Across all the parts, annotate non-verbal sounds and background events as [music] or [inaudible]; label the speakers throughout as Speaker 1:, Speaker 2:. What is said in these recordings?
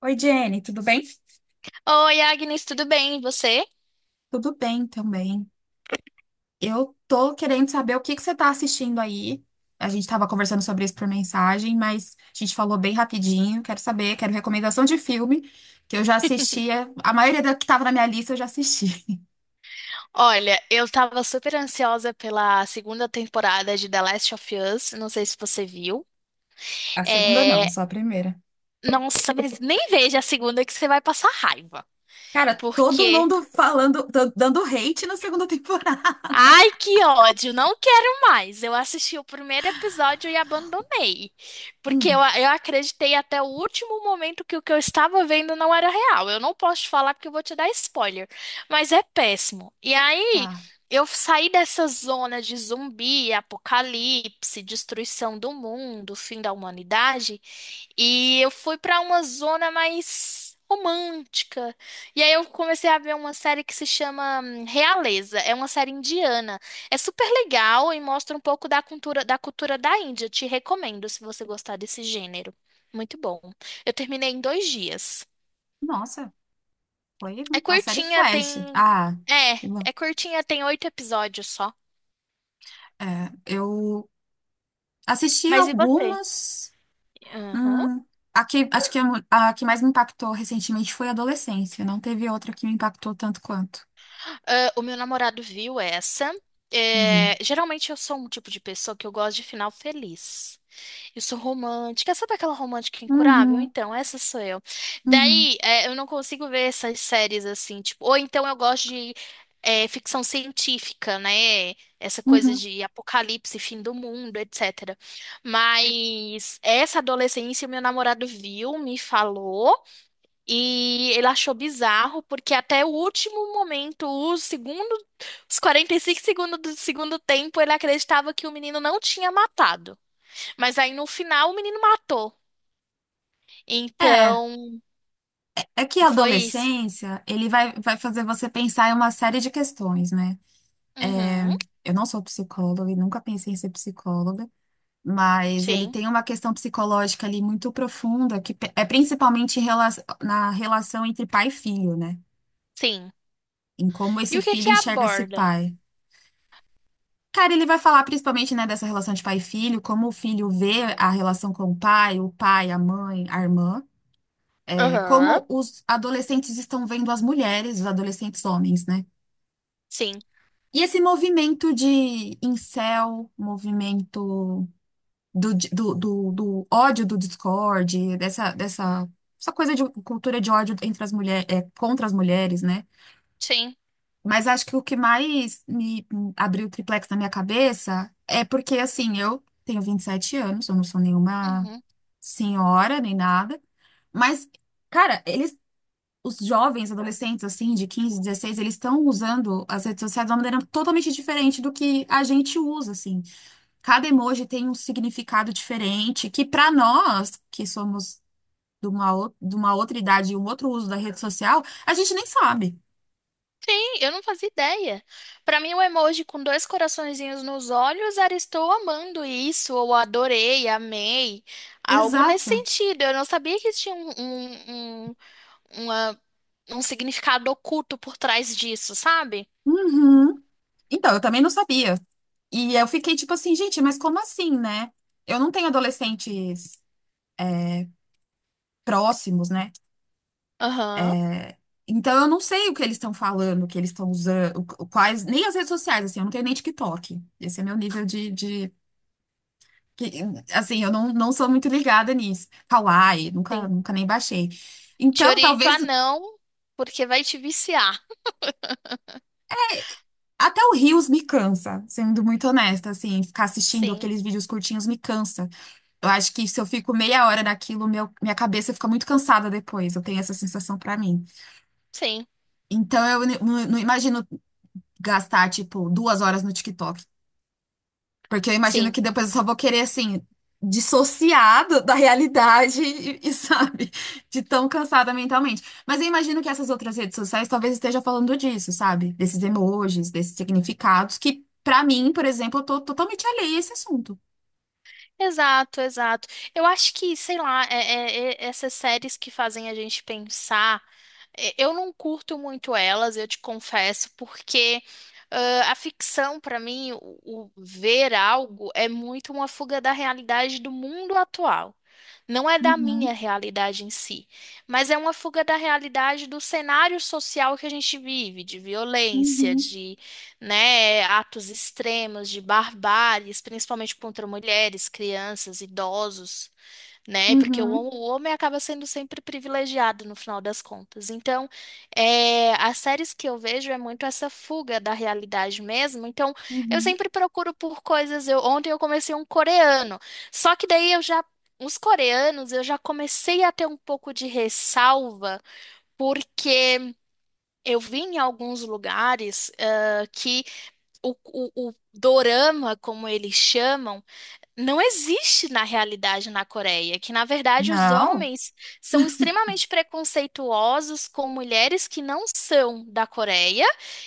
Speaker 1: Oi, Jenny, tudo bem?
Speaker 2: Oi, Agnes, tudo bem? E você?
Speaker 1: Tudo bem também. Eu tô querendo saber o que que você tá assistindo aí. A gente tava conversando sobre isso por mensagem, mas a gente falou bem rapidinho. Quero saber, quero recomendação de filme que eu já assistia. A maioria da que tava na minha lista eu já assisti.
Speaker 2: Olha, eu tava super ansiosa pela segunda temporada de The Last of Us, não sei se você viu.
Speaker 1: A segunda não,
Speaker 2: É...
Speaker 1: só a primeira.
Speaker 2: Nossa, mas nem veja a segunda que você vai passar raiva,
Speaker 1: Cara, todo
Speaker 2: porque
Speaker 1: mundo falando, dando hate na segunda temporada. [laughs]
Speaker 2: ai, que ódio, não quero mais. Eu assisti o primeiro episódio e abandonei, porque eu,
Speaker 1: Hum,
Speaker 2: eu acreditei até o último momento que o que eu estava vendo não era real. Eu não posso te falar porque eu vou te dar spoiler, mas é péssimo. E aí,
Speaker 1: tá.
Speaker 2: eu saí dessa zona de zumbi, apocalipse, destruição do mundo, fim da humanidade, e eu fui para uma zona mais romântica. E aí eu comecei a ver uma série que se chama Realeza. É uma série indiana. É super legal e mostra um pouco da cultura da Índia. Te recomendo se você gostar desse gênero. Muito bom. Eu terminei em dois dias.
Speaker 1: Nossa, foi
Speaker 2: É
Speaker 1: a série
Speaker 2: curtinha,
Speaker 1: Flash.
Speaker 2: tem.
Speaker 1: Ah, que bom.
Speaker 2: É, é curtinha, tem oito episódios só.
Speaker 1: É, eu assisti
Speaker 2: Mas e você?
Speaker 1: algumas.
Speaker 2: Aham.
Speaker 1: Hum, a que, acho que a, a que mais me impactou recentemente foi a adolescência. Não teve outra que me impactou tanto quanto.
Speaker 2: Ah, o meu namorado viu essa. É,
Speaker 1: Uhum.
Speaker 2: geralmente eu sou um tipo de pessoa que eu gosto de final feliz. Eu sou romântica. Sabe aquela romântica incurável?
Speaker 1: Uhum,
Speaker 2: Então, essa sou eu.
Speaker 1: uhum,
Speaker 2: Daí, é, eu não consigo ver essas séries assim, tipo, ou então eu gosto de, é, ficção científica, né? Essa coisa
Speaker 1: uhum.
Speaker 2: de apocalipse, fim do mundo, etc. Mas essa adolescência, meu namorado viu, me falou, e ele achou bizarro, porque até o último momento, os 45 segundos do segundo tempo, ele acreditava que o menino não tinha matado. Mas aí no final o menino matou.
Speaker 1: É,
Speaker 2: Então,
Speaker 1: é que a
Speaker 2: foi isso.
Speaker 1: adolescência, ele vai, vai fazer você pensar em uma série de questões, né?
Speaker 2: Uhum.
Speaker 1: Eu não sou psicóloga e nunca pensei em ser psicóloga, mas ele
Speaker 2: Sim.
Speaker 1: tem uma questão psicológica ali muito profunda, que é principalmente na relação entre pai e filho, né?
Speaker 2: Sim.
Speaker 1: Em como
Speaker 2: E
Speaker 1: esse
Speaker 2: o que
Speaker 1: filho
Speaker 2: que
Speaker 1: enxerga esse
Speaker 2: aborda?
Speaker 1: pai. Cara, ele vai falar principalmente, né, dessa relação de pai e filho, como o filho vê a relação com o pai, a mãe, a irmã, é,
Speaker 2: Aham.
Speaker 1: como os adolescentes estão vendo as mulheres, os adolescentes homens, né?
Speaker 2: Sim.
Speaker 1: E esse movimento de incel, movimento do ódio do Discord, dessa essa coisa de cultura de ódio entre as mulheres, contra as mulheres, né?
Speaker 2: Sim.
Speaker 1: Mas acho que o que mais me abriu o triplex na minha cabeça é porque, assim, eu tenho 27 anos, eu não sou nenhuma
Speaker 2: Uhum.
Speaker 1: senhora nem nada, mas, cara, eles, os jovens, adolescentes, assim, de 15 16 eles estão usando as redes sociais de uma maneira totalmente diferente do que a gente usa, assim. Cada emoji tem um significado diferente, que pra nós, que somos de uma, de uma outra idade e um outro uso da rede social, a gente nem sabe.
Speaker 2: Sim, eu não fazia ideia. Pra mim, o emoji com dois coraçõezinhos nos olhos era estou amando isso, ou adorei, amei. Algo nesse
Speaker 1: Exato.
Speaker 2: sentido. Eu não sabia que tinha uma- um significado oculto por trás disso, sabe?
Speaker 1: Uhum. Então, eu também não sabia. E eu fiquei tipo assim, gente, mas como assim, né? Eu não tenho adolescentes próximos, né?
Speaker 2: Aham.
Speaker 1: É, então eu não sei o que eles estão falando, o que eles estão usando, quais, nem as redes sociais, assim, eu não tenho nem TikTok. Esse é meu nível de, de que- assim, eu não, não sou muito ligada nisso. Kawaii, nunca,
Speaker 2: Sim.
Speaker 1: nunca nem baixei.
Speaker 2: Te
Speaker 1: Então,
Speaker 2: oriento
Speaker 1: talvez
Speaker 2: a não, porque vai te viciar.
Speaker 1: até o Reels me cansa, sendo muito honesta, assim, ficar assistindo
Speaker 2: Sim,
Speaker 1: aqueles vídeos curtinhos me cansa. Eu acho que se eu fico meia hora naquilo, meu, minha cabeça fica muito cansada depois. Eu tenho essa sensação pra mim.
Speaker 2: sim,
Speaker 1: Então eu não imagino gastar, tipo, 2 horas no TikTok. Porque eu imagino
Speaker 2: sim.
Speaker 1: que depois eu só vou querer, assim, dissociado da realidade e, sabe, de tão cansada mentalmente. Mas eu imagino que essas outras redes sociais talvez esteja falando disso, sabe? Desses emojis, desses significados, que pra mim, por exemplo, eu tô totalmente alheia a esse assunto.
Speaker 2: Exato, exato. Eu acho que, sei lá, essas séries que fazem a gente pensar, é, eu não curto muito elas, eu te confesso, porque ah, a ficção, pra mim, o ver algo é muito uma fuga da realidade do mundo atual. Não é da minha
Speaker 1: Uhum,
Speaker 2: realidade em si, mas é uma fuga da realidade do cenário social que a gente vive, de violência,
Speaker 1: uhum,
Speaker 2: né, atos extremos de barbáries, principalmente contra mulheres, crianças, idosos, né, porque o,
Speaker 1: uhum,
Speaker 2: o homem acaba sendo sempre privilegiado no final das contas. Então, é, as séries que eu vejo é muito essa fuga da realidade mesmo. Então, eu
Speaker 1: uhum.
Speaker 2: sempre procuro por coisas. Eu, ontem eu comecei um coreano, só que daí eu já. Os coreanos, eu já comecei a ter um pouco de ressalva, porque eu vi em alguns lugares, ah, que o dorama, como eles chamam, não existe na realidade na Coreia, que na verdade os
Speaker 1: Não.
Speaker 2: homens são extremamente preconceituosos com mulheres que não são da Coreia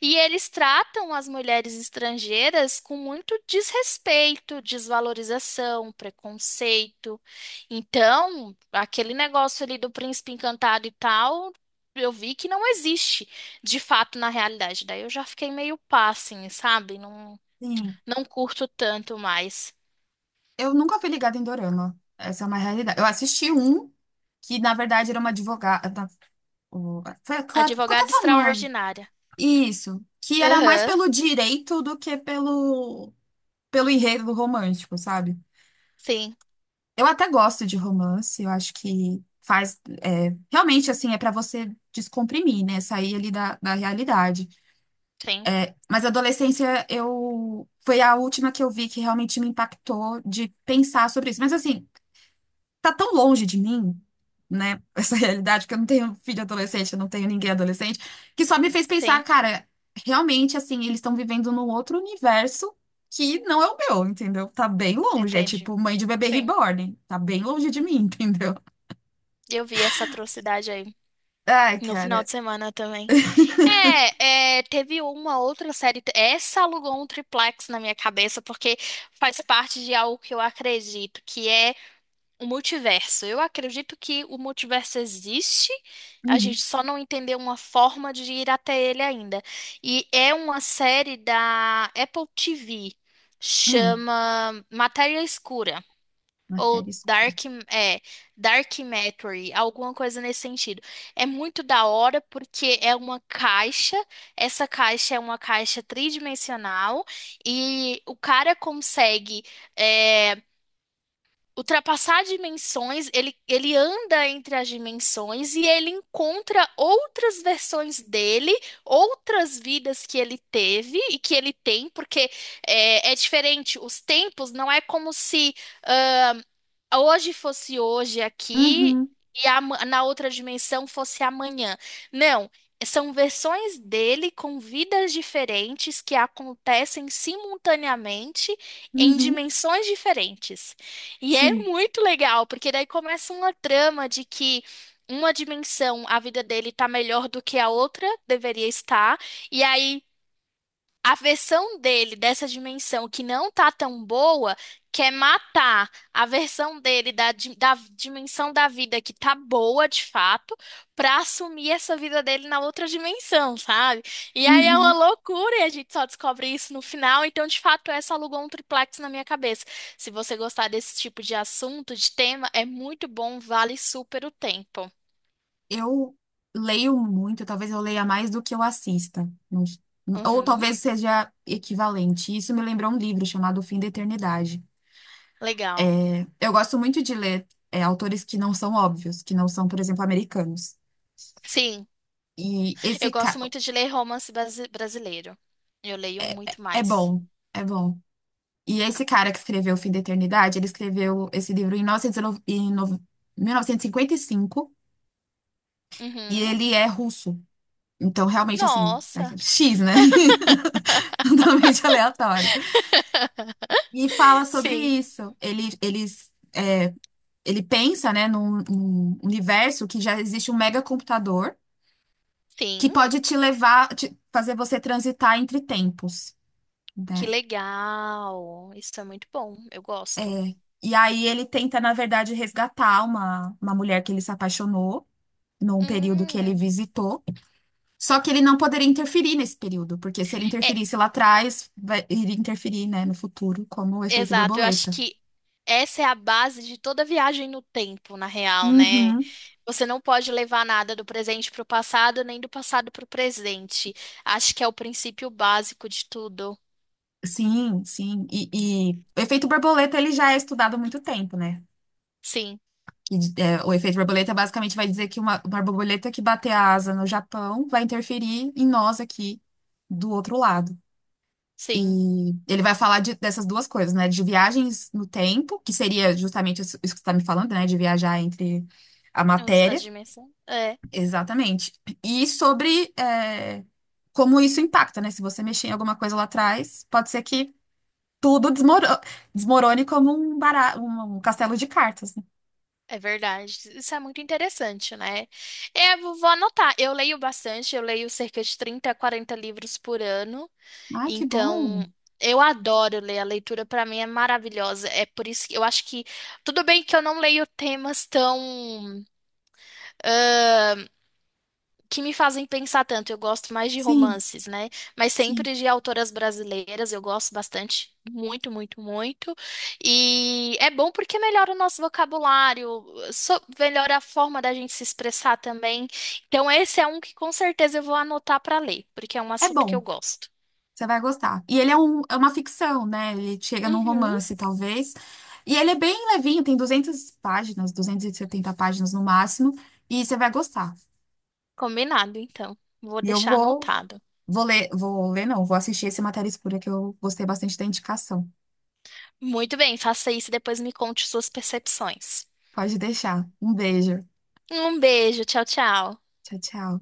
Speaker 2: e eles tratam as mulheres estrangeiras com muito desrespeito, desvalorização, preconceito. Então, aquele negócio ali do príncipe encantado e tal, eu vi que não existe de fato na realidade. Daí eu já fiquei meio pá, assim, sabe? Não,
Speaker 1: Sim.
Speaker 2: não curto tanto mais.
Speaker 1: Eu nunca fui ligada em Dorama. Essa é uma realidade. Eu assisti um que, na verdade, era uma advogada. Foi, ficou até
Speaker 2: Advogada
Speaker 1: famoso.
Speaker 2: extraordinária.
Speaker 1: Isso. Que era mais
Speaker 2: Aham,
Speaker 1: pelo direito do que pelo, pelo enredo romântico, sabe?
Speaker 2: sim,
Speaker 1: Eu até gosto de romance. Eu acho que faz. É, realmente, assim, é pra você descomprimir, né? Sair ali da, da realidade.
Speaker 2: sim,
Speaker 1: Mas a adolescência, eu. Foi a última que eu vi que realmente me impactou de pensar sobre isso. Mas, assim, tá tão longe de mim, né? Essa [laughs] realidade, que eu não tenho filho adolescente, eu não tenho ninguém adolescente, que só me fez pensar,
Speaker 2: sim,
Speaker 1: cara, realmente, assim, eles estão vivendo num outro universo que não é o meu, entendeu? Tá bem longe. É
Speaker 2: entendi.
Speaker 1: tipo mãe de bebê
Speaker 2: Sim,
Speaker 1: reborn. Tá bem longe de mim, [laughs] entendeu?
Speaker 2: eu vi essa atrocidade aí
Speaker 1: Ai,
Speaker 2: no final
Speaker 1: cara.
Speaker 2: de semana também. É, é, teve uma outra série. Essa alugou um triplex na minha cabeça, porque faz parte de algo que eu acredito, que é o multiverso. Eu acredito que o multiverso existe, a
Speaker 1: Uhum.
Speaker 2: gente só não entendeu uma forma de ir até ele ainda. E é uma série da Apple TV,
Speaker 1: Hum.
Speaker 2: chama Matéria Escura.
Speaker 1: Matéria
Speaker 2: Ou
Speaker 1: escura.
Speaker 2: Dark, é, Dark Matter, alguma coisa nesse sentido. É muito da hora porque é uma caixa, essa caixa é uma caixa tridimensional e o cara consegue. É, ultrapassar dimensões, ele anda entre as dimensões e ele encontra outras versões dele, outras vidas que ele teve e que ele tem, porque é, é diferente. Os tempos não é como se hoje fosse hoje aqui
Speaker 1: Uhum.
Speaker 2: e na outra dimensão fosse amanhã. Não, são versões dele com vidas diferentes que acontecem simultaneamente em
Speaker 1: Uhum.
Speaker 2: dimensões diferentes. E é
Speaker 1: Sim.
Speaker 2: muito legal, porque daí começa uma trama de que uma dimensão, a vida dele tá melhor do que a outra deveria estar, e aí a versão dele dessa dimensão que não tá tão boa quer matar a versão dele da, da dimensão da vida que tá boa de fato pra assumir essa vida dele na outra dimensão, sabe? E aí é uma
Speaker 1: Uhum.
Speaker 2: loucura e a gente só descobre isso no final. Então, de fato, essa alugou um triplex na minha cabeça. Se você gostar desse tipo de assunto, de tema, é muito bom, vale super o tempo.
Speaker 1: Eu leio muito, talvez eu leia mais do que eu assista. Não s- Ou
Speaker 2: Uhum,
Speaker 1: talvez seja equivalente. Isso me lembrou um livro chamado O Fim da Eternidade.
Speaker 2: legal.
Speaker 1: É, eu gosto muito de ler, é, autores que não são óbvios, que não são, por exemplo, americanos.
Speaker 2: Sim.
Speaker 1: E
Speaker 2: Eu
Speaker 1: esse cara
Speaker 2: gosto muito de ler romance brasileiro. Eu leio muito
Speaker 1: é
Speaker 2: mais.
Speaker 1: bom, é bom. E esse cara que escreveu O Fim da Eternidade, ele escreveu esse livro em 1909 em 1955 e cinquenta e cinco e
Speaker 2: Uhum.
Speaker 1: ele é russo. Então, realmente, assim, é
Speaker 2: Nossa.
Speaker 1: X, né? [laughs] Totalmente aleatório.
Speaker 2: [laughs]
Speaker 1: E fala sobre
Speaker 2: Sim.
Speaker 1: isso. Ele, eles, ele pensa, né, num, num universo que já existe um megacomputador que
Speaker 2: Sim.
Speaker 1: pode te levar, fazer você transitar entre tempos,
Speaker 2: Que
Speaker 1: né?
Speaker 2: legal. Isso é muito bom. Eu gosto.
Speaker 1: É. E aí ele tenta, na verdade, resgatar uma mulher que ele se apaixonou num período que ele
Speaker 2: Hum.
Speaker 1: visitou. Só que ele não poderia interferir nesse período, porque se ele
Speaker 2: É,
Speaker 1: interferisse lá atrás, vai, iria interferir, né, no futuro, como o efeito
Speaker 2: exato. Eu acho
Speaker 1: borboleta.
Speaker 2: que essa é a base de toda viagem no tempo, na real, né?
Speaker 1: Uhum.
Speaker 2: Você não pode levar nada do presente para o passado, nem do passado para o presente. Acho que é o princípio básico de tudo.
Speaker 1: Sim, sim. E o efeito borboleta ele já é estudado há muito tempo, né?
Speaker 2: Sim,
Speaker 1: E, é, o efeito borboleta basicamente vai dizer que uma borboleta que bater a asa no Japão vai interferir em nós aqui do outro lado.
Speaker 2: sim.
Speaker 1: E ele vai falar dessas duas coisas, né? De viagens no tempo, que seria justamente isso que você está me falando, né? De viajar entre a
Speaker 2: Os- as
Speaker 1: matéria.
Speaker 2: dimensões.
Speaker 1: Exatamente. E sobre, é, como isso impacta, né? Se você mexer em alguma coisa lá atrás, pode ser que Tudo desmoro- desmorone como um, um castelo de cartas, né?
Speaker 2: É verdade. Isso é muito interessante, né? Eu vou anotar. Eu leio bastante, eu leio cerca de 30 a 40 livros por ano.
Speaker 1: Ai, que bom.
Speaker 2: Então, eu adoro ler. A leitura para mim é maravilhosa. É por isso que eu acho que tudo bem que eu não leio temas tão que me fazem pensar tanto. Eu gosto mais de
Speaker 1: Sim,
Speaker 2: romances, né? Mas
Speaker 1: sim.
Speaker 2: sempre de autoras brasileiras, eu gosto bastante, muito, muito, muito. E é bom porque melhora o nosso vocabulário, melhora a forma da gente se expressar também. Então, esse é um que com certeza eu vou anotar para ler, porque é um
Speaker 1: É
Speaker 2: assunto que eu
Speaker 1: bom.
Speaker 2: gosto.
Speaker 1: Você vai gostar. E ele é, é uma ficção, né? Ele chega num
Speaker 2: Uhum.
Speaker 1: romance, talvez. E ele é bem levinho, tem 200 páginas, 270 páginas no máximo. E você vai gostar.
Speaker 2: Combinado, então. Vou
Speaker 1: E eu
Speaker 2: deixar
Speaker 1: vou,
Speaker 2: anotado.
Speaker 1: vou ler, não, vou assistir esse Matéria Escura que eu gostei bastante da indicação.
Speaker 2: Muito bem, faça isso e depois me conte suas percepções.
Speaker 1: Pode deixar. Um beijo.
Speaker 2: Um beijo, tchau, tchau.
Speaker 1: Tchau, tchau.